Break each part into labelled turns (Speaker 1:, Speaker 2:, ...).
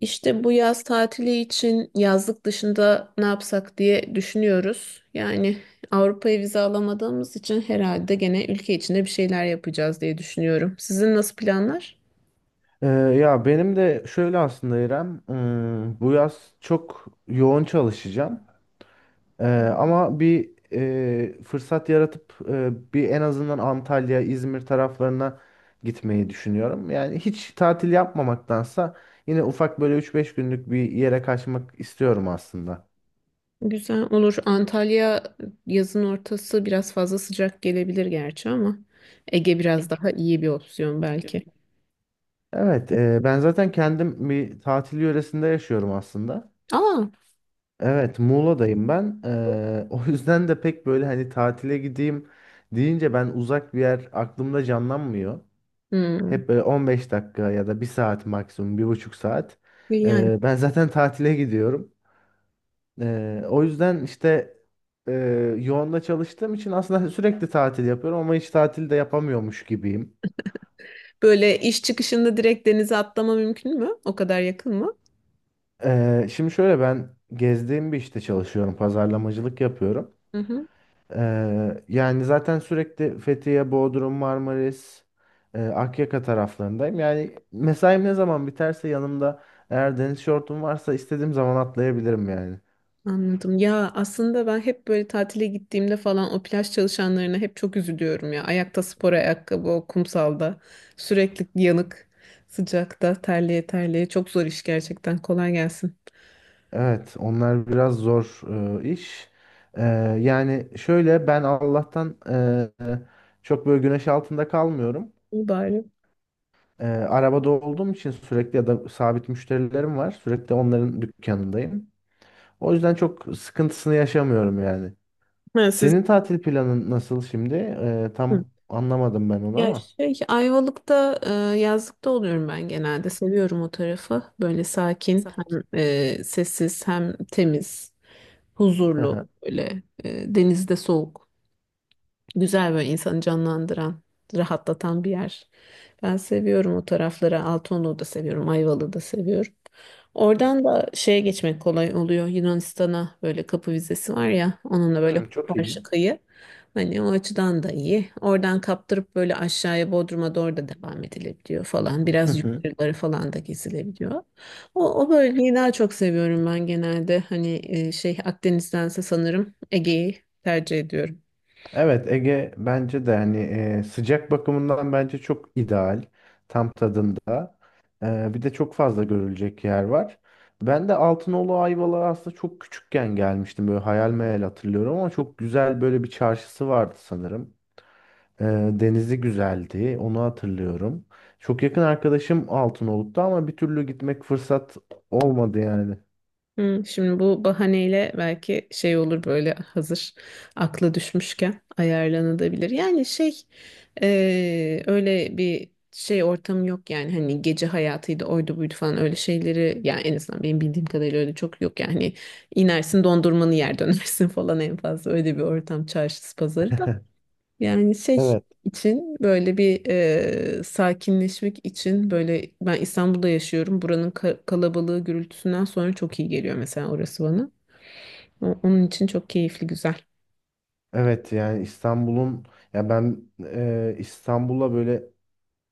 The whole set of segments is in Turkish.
Speaker 1: İşte bu yaz tatili için yazlık dışında ne yapsak diye düşünüyoruz. Yani Avrupa'ya vize alamadığımız için herhalde gene ülke içinde bir şeyler yapacağız diye düşünüyorum. Sizin nasıl planlar?
Speaker 2: Ya benim de şöyle aslında İrem, bu yaz çok yoğun çalışacağım. Ama bir fırsat yaratıp bir en azından Antalya, İzmir taraflarına gitmeyi düşünüyorum. Yani hiç tatil yapmamaktansa yine ufak böyle üç beş günlük bir yere kaçmak istiyorum aslında.
Speaker 1: Güzel olur. Antalya yazın ortası biraz fazla sıcak gelebilir gerçi ama Ege biraz daha iyi bir opsiyon belki.
Speaker 2: Evet, ben zaten kendim bir tatil yöresinde yaşıyorum aslında.
Speaker 1: Aa.
Speaker 2: Evet, Muğla'dayım ben. O yüzden de pek böyle hani tatile gideyim deyince ben uzak bir yer aklımda canlanmıyor.
Speaker 1: Hmm.
Speaker 2: Hep böyle 15 dakika ya da bir saat maksimum, bir buçuk saat.
Speaker 1: Yani
Speaker 2: Ben zaten tatile gidiyorum. O yüzden işte e, yoğunla çalıştığım için aslında sürekli tatil yapıyorum ama hiç tatil de yapamıyormuş gibiyim.
Speaker 1: böyle iş çıkışında direkt denize atlama mümkün mü? O kadar yakın mı?
Speaker 2: Şimdi şöyle ben gezdiğim bir işte çalışıyorum, pazarlamacılık yapıyorum.
Speaker 1: Hı hı.
Speaker 2: Yani zaten sürekli Fethiye, Bodrum, Marmaris, Akyaka taraflarındayım. Yani mesaim ne zaman biterse yanımda eğer deniz şortum varsa istediğim zaman atlayabilirim yani.
Speaker 1: Anladım. Ya aslında ben hep böyle tatile gittiğimde falan o plaj çalışanlarına hep çok üzülüyorum ya. Ayakta spor ayakkabı o kumsalda sürekli yanık, sıcakta terleye terleye çok zor iş gerçekten. Kolay gelsin.
Speaker 2: Evet, onlar biraz zor iş. E, Yani şöyle ben Allah'tan çok böyle güneş altında kalmıyorum.
Speaker 1: İyi bari.
Speaker 2: Arabada olduğum için sürekli ya da sabit müşterilerim var. Sürekli onların dükkanındayım. O yüzden çok sıkıntısını yaşamıyorum yani.
Speaker 1: Ha, siz...
Speaker 2: Senin tatil planın nasıl şimdi?
Speaker 1: Hı.
Speaker 2: Tam anlamadım ben onu
Speaker 1: Ya
Speaker 2: ama.
Speaker 1: şey Ayvalık'ta yazlıkta oluyorum ben genelde. Seviyorum o tarafı. Böyle sakin, hem sessiz hem temiz,
Speaker 2: Hı
Speaker 1: huzurlu,
Speaker 2: hı.
Speaker 1: böyle denizde soğuk. Güzel, böyle insanı canlandıran, rahatlatan bir yer. Ben seviyorum o tarafları. Altınoluk'u da seviyorum, Ayvalık'ı da seviyorum. Oradan da şeye geçmek kolay oluyor. Yunanistan'a böyle kapı vizesi var ya, onunla böyle
Speaker 2: Hı, çok iyi.
Speaker 1: karşı kıyı. Hani o açıdan da iyi. Oradan kaptırıp böyle aşağıya Bodrum'a doğru da devam edilebiliyor falan.
Speaker 2: Hı
Speaker 1: Biraz
Speaker 2: hı.
Speaker 1: yukarıları falan da gezilebiliyor. O bölgeyi daha çok seviyorum ben genelde. Hani şey Akdeniz'dense sanırım Ege'yi tercih ediyorum.
Speaker 2: Evet, Ege bence de hani sıcak bakımından bence çok ideal. Tam tadında. Bir de çok fazla görülecek yer var. Ben de Altınoluk Ayvalık'a aslında çok küçükken gelmiştim. Böyle hayal meyal hatırlıyorum ama çok güzel böyle bir çarşısı vardı sanırım. Ee, Denizi güzeldi. Onu hatırlıyorum. Çok yakın arkadaşım Altınoluk'ta ama bir türlü gitmek fırsat olmadı yani.
Speaker 1: Hmm, şimdi bu bahaneyle belki şey olur, böyle hazır aklı düşmüşken ayarlanabilir. Yani şey öyle bir şey ortamı yok, yani hani gece hayatıydı, oydu buydu falan, öyle şeyleri yani en azından benim bildiğim kadarıyla öyle çok yok yani. Hani inersin, dondurmanı yer, dönersin falan, en fazla öyle bir ortam, çarşısı pazarı da. Yani şey
Speaker 2: Evet.
Speaker 1: için böyle bir, sakinleşmek için, böyle ben İstanbul'da yaşıyorum. Buranın kalabalığı, gürültüsünden sonra çok iyi geliyor mesela orası bana. Onun için çok keyifli, güzel.
Speaker 2: Evet, yani İstanbul'un ya ben e, İstanbul'a böyle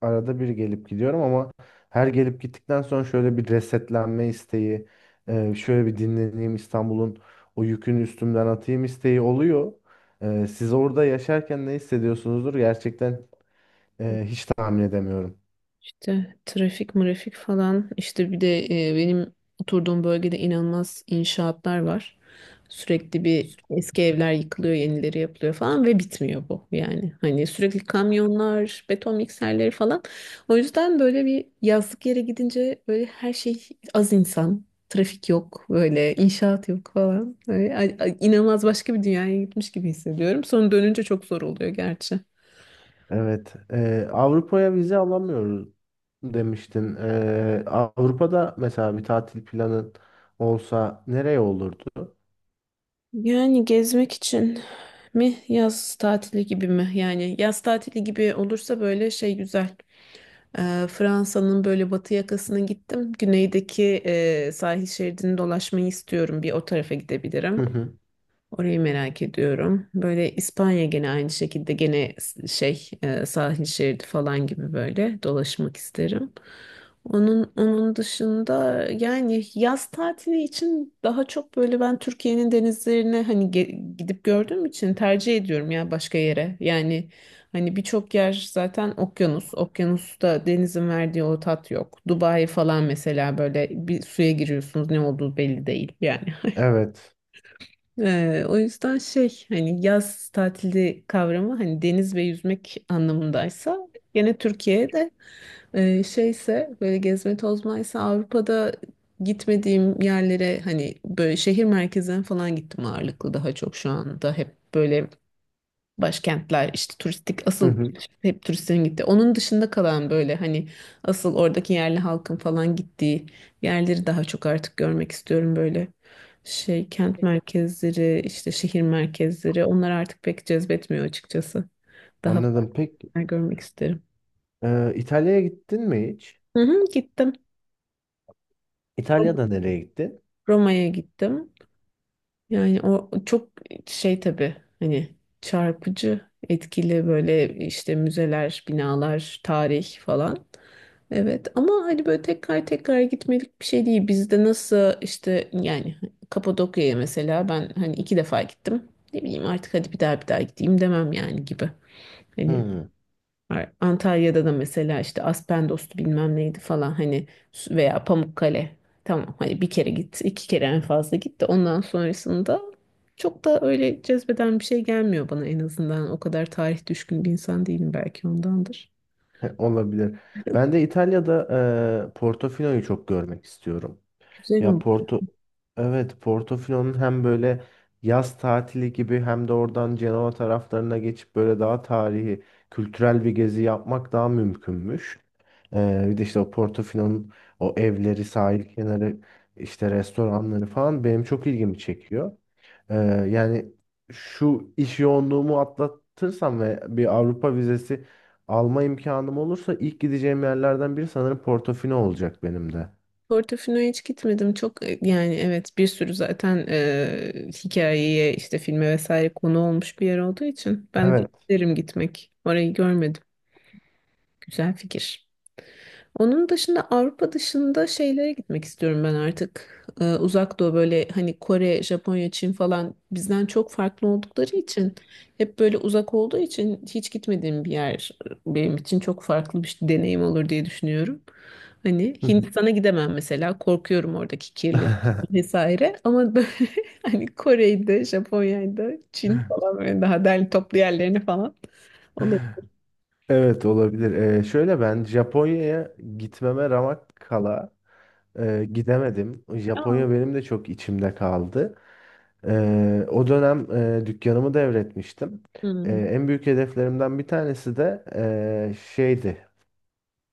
Speaker 2: arada bir gelip gidiyorum ama her gelip gittikten sonra şöyle bir resetlenme isteği, şöyle bir dinleneyim, İstanbul'un o yükünü üstümden atayım isteği oluyor. Siz orada yaşarken ne hissediyorsunuzdur gerçekten, hiç tahmin edemiyorum.
Speaker 1: İşte trafik mırafik falan, işte bir de benim oturduğum bölgede inanılmaz inşaatlar var. Sürekli bir eski evler yıkılıyor, yenileri yapılıyor falan ve bitmiyor bu yani. Hani sürekli kamyonlar, beton mikserleri falan. O yüzden böyle bir yazlık yere gidince böyle her şey, az insan, trafik yok, böyle inşaat yok falan. Böyle, inanılmaz başka bir dünyaya gitmiş gibi hissediyorum. Sonra dönünce çok zor oluyor gerçi.
Speaker 2: Evet. Avrupa'ya vize alamıyoruz demiştin. Avrupa'da mesela bir tatil planın olsa nereye olurdu?
Speaker 1: Yani gezmek için mi, yaz tatili gibi mi? Yani yaz tatili gibi olursa böyle şey güzel. Fransa'nın böyle batı yakasına gittim. Güneydeki sahil şeridini dolaşmayı istiyorum. Bir o tarafa
Speaker 2: Hı
Speaker 1: gidebilirim.
Speaker 2: hı.
Speaker 1: Orayı merak ediyorum. Böyle İspanya, gene aynı şekilde, gene şey sahil şeridi falan gibi böyle dolaşmak isterim. Onun dışında yani yaz tatili için daha çok böyle ben Türkiye'nin denizlerine hani gidip gördüğüm için tercih ediyorum ya başka yere. Yani hani birçok yer zaten okyanus. Okyanusta denizin verdiği o tat yok. Dubai falan mesela, böyle bir suya giriyorsunuz ne olduğu belli değil yani.
Speaker 2: Evet.
Speaker 1: O yüzden şey hani yaz tatili kavramı hani deniz ve yüzmek anlamındaysa gene Türkiye'de, şeyse böyle gezme tozmaysa Avrupa'da gitmediğim yerlere, hani böyle şehir merkezlerine falan gittim ağırlıklı, daha çok şu anda hep böyle başkentler işte, turistik
Speaker 2: Hı
Speaker 1: asıl
Speaker 2: hı.
Speaker 1: hep turistlerin gittiği. Onun dışında kalan böyle hani asıl oradaki yerli halkın falan gittiği yerleri daha çok artık görmek istiyorum böyle. Şey kent merkezleri işte şehir merkezleri, onlar artık pek cezbetmiyor açıkçası. Daha farklı
Speaker 2: Anladım. Peki
Speaker 1: görmek isterim.
Speaker 2: İtalya'ya gittin mi hiç?
Speaker 1: Hı hı, gittim.
Speaker 2: İtalya'da nereye gittin?
Speaker 1: Roma'ya gittim. Yani o çok şey tabii, hani çarpıcı, etkili böyle, işte müzeler, binalar, tarih falan. Evet ama hani böyle tekrar tekrar gitmelik bir şey değil. Bizde nasıl işte, yani Kapadokya'ya mesela ben hani iki defa gittim. Ne bileyim artık, hadi bir daha bir daha gideyim demem yani gibi, hani.
Speaker 2: Hmm.
Speaker 1: Antalya'da da mesela işte Aspendos bilmem neydi falan, hani veya Pamukkale. Tamam hani bir kere git, iki kere en fazla git, de ondan sonrasında çok da öyle cezbeden bir şey gelmiyor bana en azından. O kadar tarih düşkün bir insan değilim, belki ondandır.
Speaker 2: Olabilir. Ben de İtalya'da Portofino'yu çok görmek istiyorum.
Speaker 1: Güzel
Speaker 2: Ya
Speaker 1: oldu.
Speaker 2: Porto, evet, Portofino'nun hem böyle yaz tatili gibi hem de oradan Cenova taraflarına geçip böyle daha tarihi, kültürel bir gezi yapmak daha mümkünmüş. Bir de işte o Portofino'nun o evleri, sahil kenarı, işte restoranları falan benim çok ilgimi çekiyor. Ee, Yani şu iş yoğunluğumu atlatırsam ve bir Avrupa vizesi alma imkanım olursa ilk gideceğim yerlerden biri sanırım Portofino olacak benim de.
Speaker 1: Portofino'ya hiç gitmedim. Çok yani evet, bir sürü zaten hikayeye, işte filme vesaire konu olmuş bir yer olduğu için ben de
Speaker 2: Evet.
Speaker 1: isterim gitmek. Orayı görmedim. Güzel fikir. Onun dışında Avrupa dışında şeylere gitmek istiyorum ben artık. Uzak doğu, böyle hani Kore, Japonya, Çin falan bizden çok farklı oldukları için, hep böyle uzak olduğu için hiç gitmediğim bir yer, benim için çok farklı bir deneyim olur diye düşünüyorum. Hani Hindistan'a gidemem mesela, korkuyorum oradaki kirlilik vesaire, ama böyle hani Kore'de, Japonya'da, Çin falan böyle daha derli toplu yerlerini falan olabilir.
Speaker 2: Evet, olabilir. Şöyle ben Japonya'ya gitmeme ramak kala gidemedim.
Speaker 1: Ama,
Speaker 2: Japonya benim de çok içimde kaldı. O dönem dükkanımı devretmiştim.
Speaker 1: hmm,
Speaker 2: En büyük hedeflerimden bir tanesi de şeydi.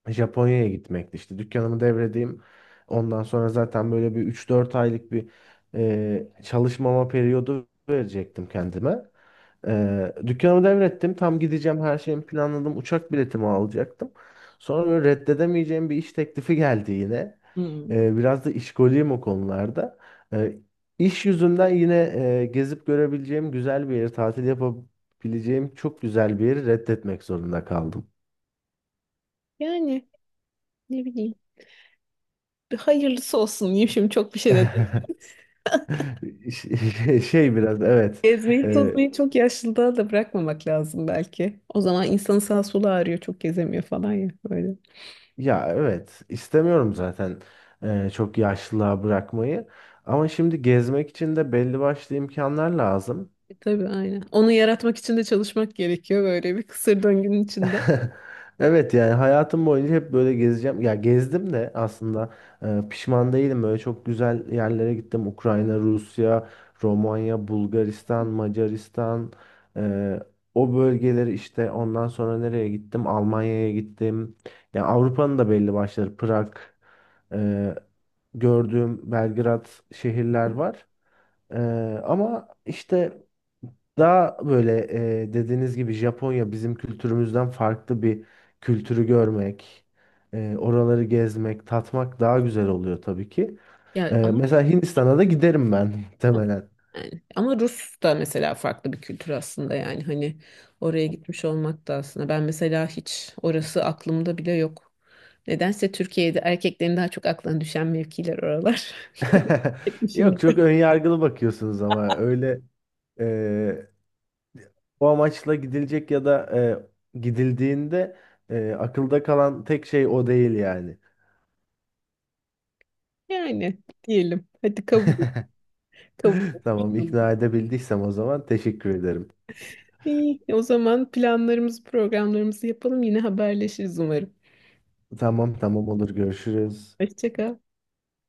Speaker 2: Japonya'ya gitmekti. İşte dükkanımı devredeyim. Ondan sonra zaten böyle bir üç dört aylık bir çalışmama periyodu verecektim kendime. Dükkanımı devrettim. Tam gideceğim, her şeyimi planladım. Uçak biletimi alacaktım. Sonra böyle reddedemeyeceğim bir iş teklifi geldi yine.
Speaker 1: hmm.
Speaker 2: Biraz da işkoliyim o konularda. E, iş yüzünden yine gezip görebileceğim güzel bir yeri, tatil yapabileceğim çok güzel bir yeri reddetmek zorunda kaldım.
Speaker 1: Yani ne bileyim. Hayırlısı olsun diyeyim, şimdi çok bir şey de diyeyim.
Speaker 2: Şey şey biraz evet.
Speaker 1: Gezmeyi tozmayı
Speaker 2: Rezil.
Speaker 1: çok yaşlılığa da bırakmamak lazım belki. O zaman insanın sağ solu ağrıyor, çok gezemiyor falan ya böyle.
Speaker 2: Ya evet, istemiyorum zaten çok yaşlılığa bırakmayı. Ama şimdi gezmek için de belli başlı imkanlar lazım.
Speaker 1: E, tabii aynen. Onu yaratmak için de çalışmak gerekiyor, böyle bir kısır döngünün içinde.
Speaker 2: Evet, yani hayatım boyunca hep böyle gezeceğim. Ya gezdim de aslında, pişman değilim. Böyle çok güzel yerlere gittim. Ukrayna, Rusya, Romanya, Bulgaristan, Macaristan. e, O bölgeleri işte ondan sonra nereye gittim? Almanya'ya gittim. Ya Avrupa'nın da belli başları. Prag, e, gördüğüm Belgrad şehirler var. Ee, ama işte daha böyle, dediğiniz gibi Japonya bizim kültürümüzden farklı bir kültürü görmek, oraları gezmek, tatmak daha güzel oluyor tabii ki.
Speaker 1: Ya ama
Speaker 2: Mesela Hindistan'a da giderim ben muhtemelen.
Speaker 1: yani, ama Rus da mesela farklı bir kültür aslında, yani hani oraya gitmiş olmak da aslında. Ben mesela hiç orası aklımda bile yok. Nedense Türkiye'de erkeklerin daha çok aklına düşen mevkiler oralar. Kadın
Speaker 2: Yok, çok
Speaker 1: erkek,
Speaker 2: önyargılı bakıyorsunuz ama öyle e, o amaçla gidilecek ya da gidildiğinde akılda kalan tek şey o değil yani.
Speaker 1: yani diyelim. Hadi kabul
Speaker 2: Tamam,
Speaker 1: etmiştim.
Speaker 2: ikna edebildiysem o zaman teşekkür ederim.
Speaker 1: İyi, o zaman planlarımızı, programlarımızı yapalım. Yine haberleşiriz umarım.
Speaker 2: Tamam tamam, olur, görüşürüz.
Speaker 1: Hoşça kal.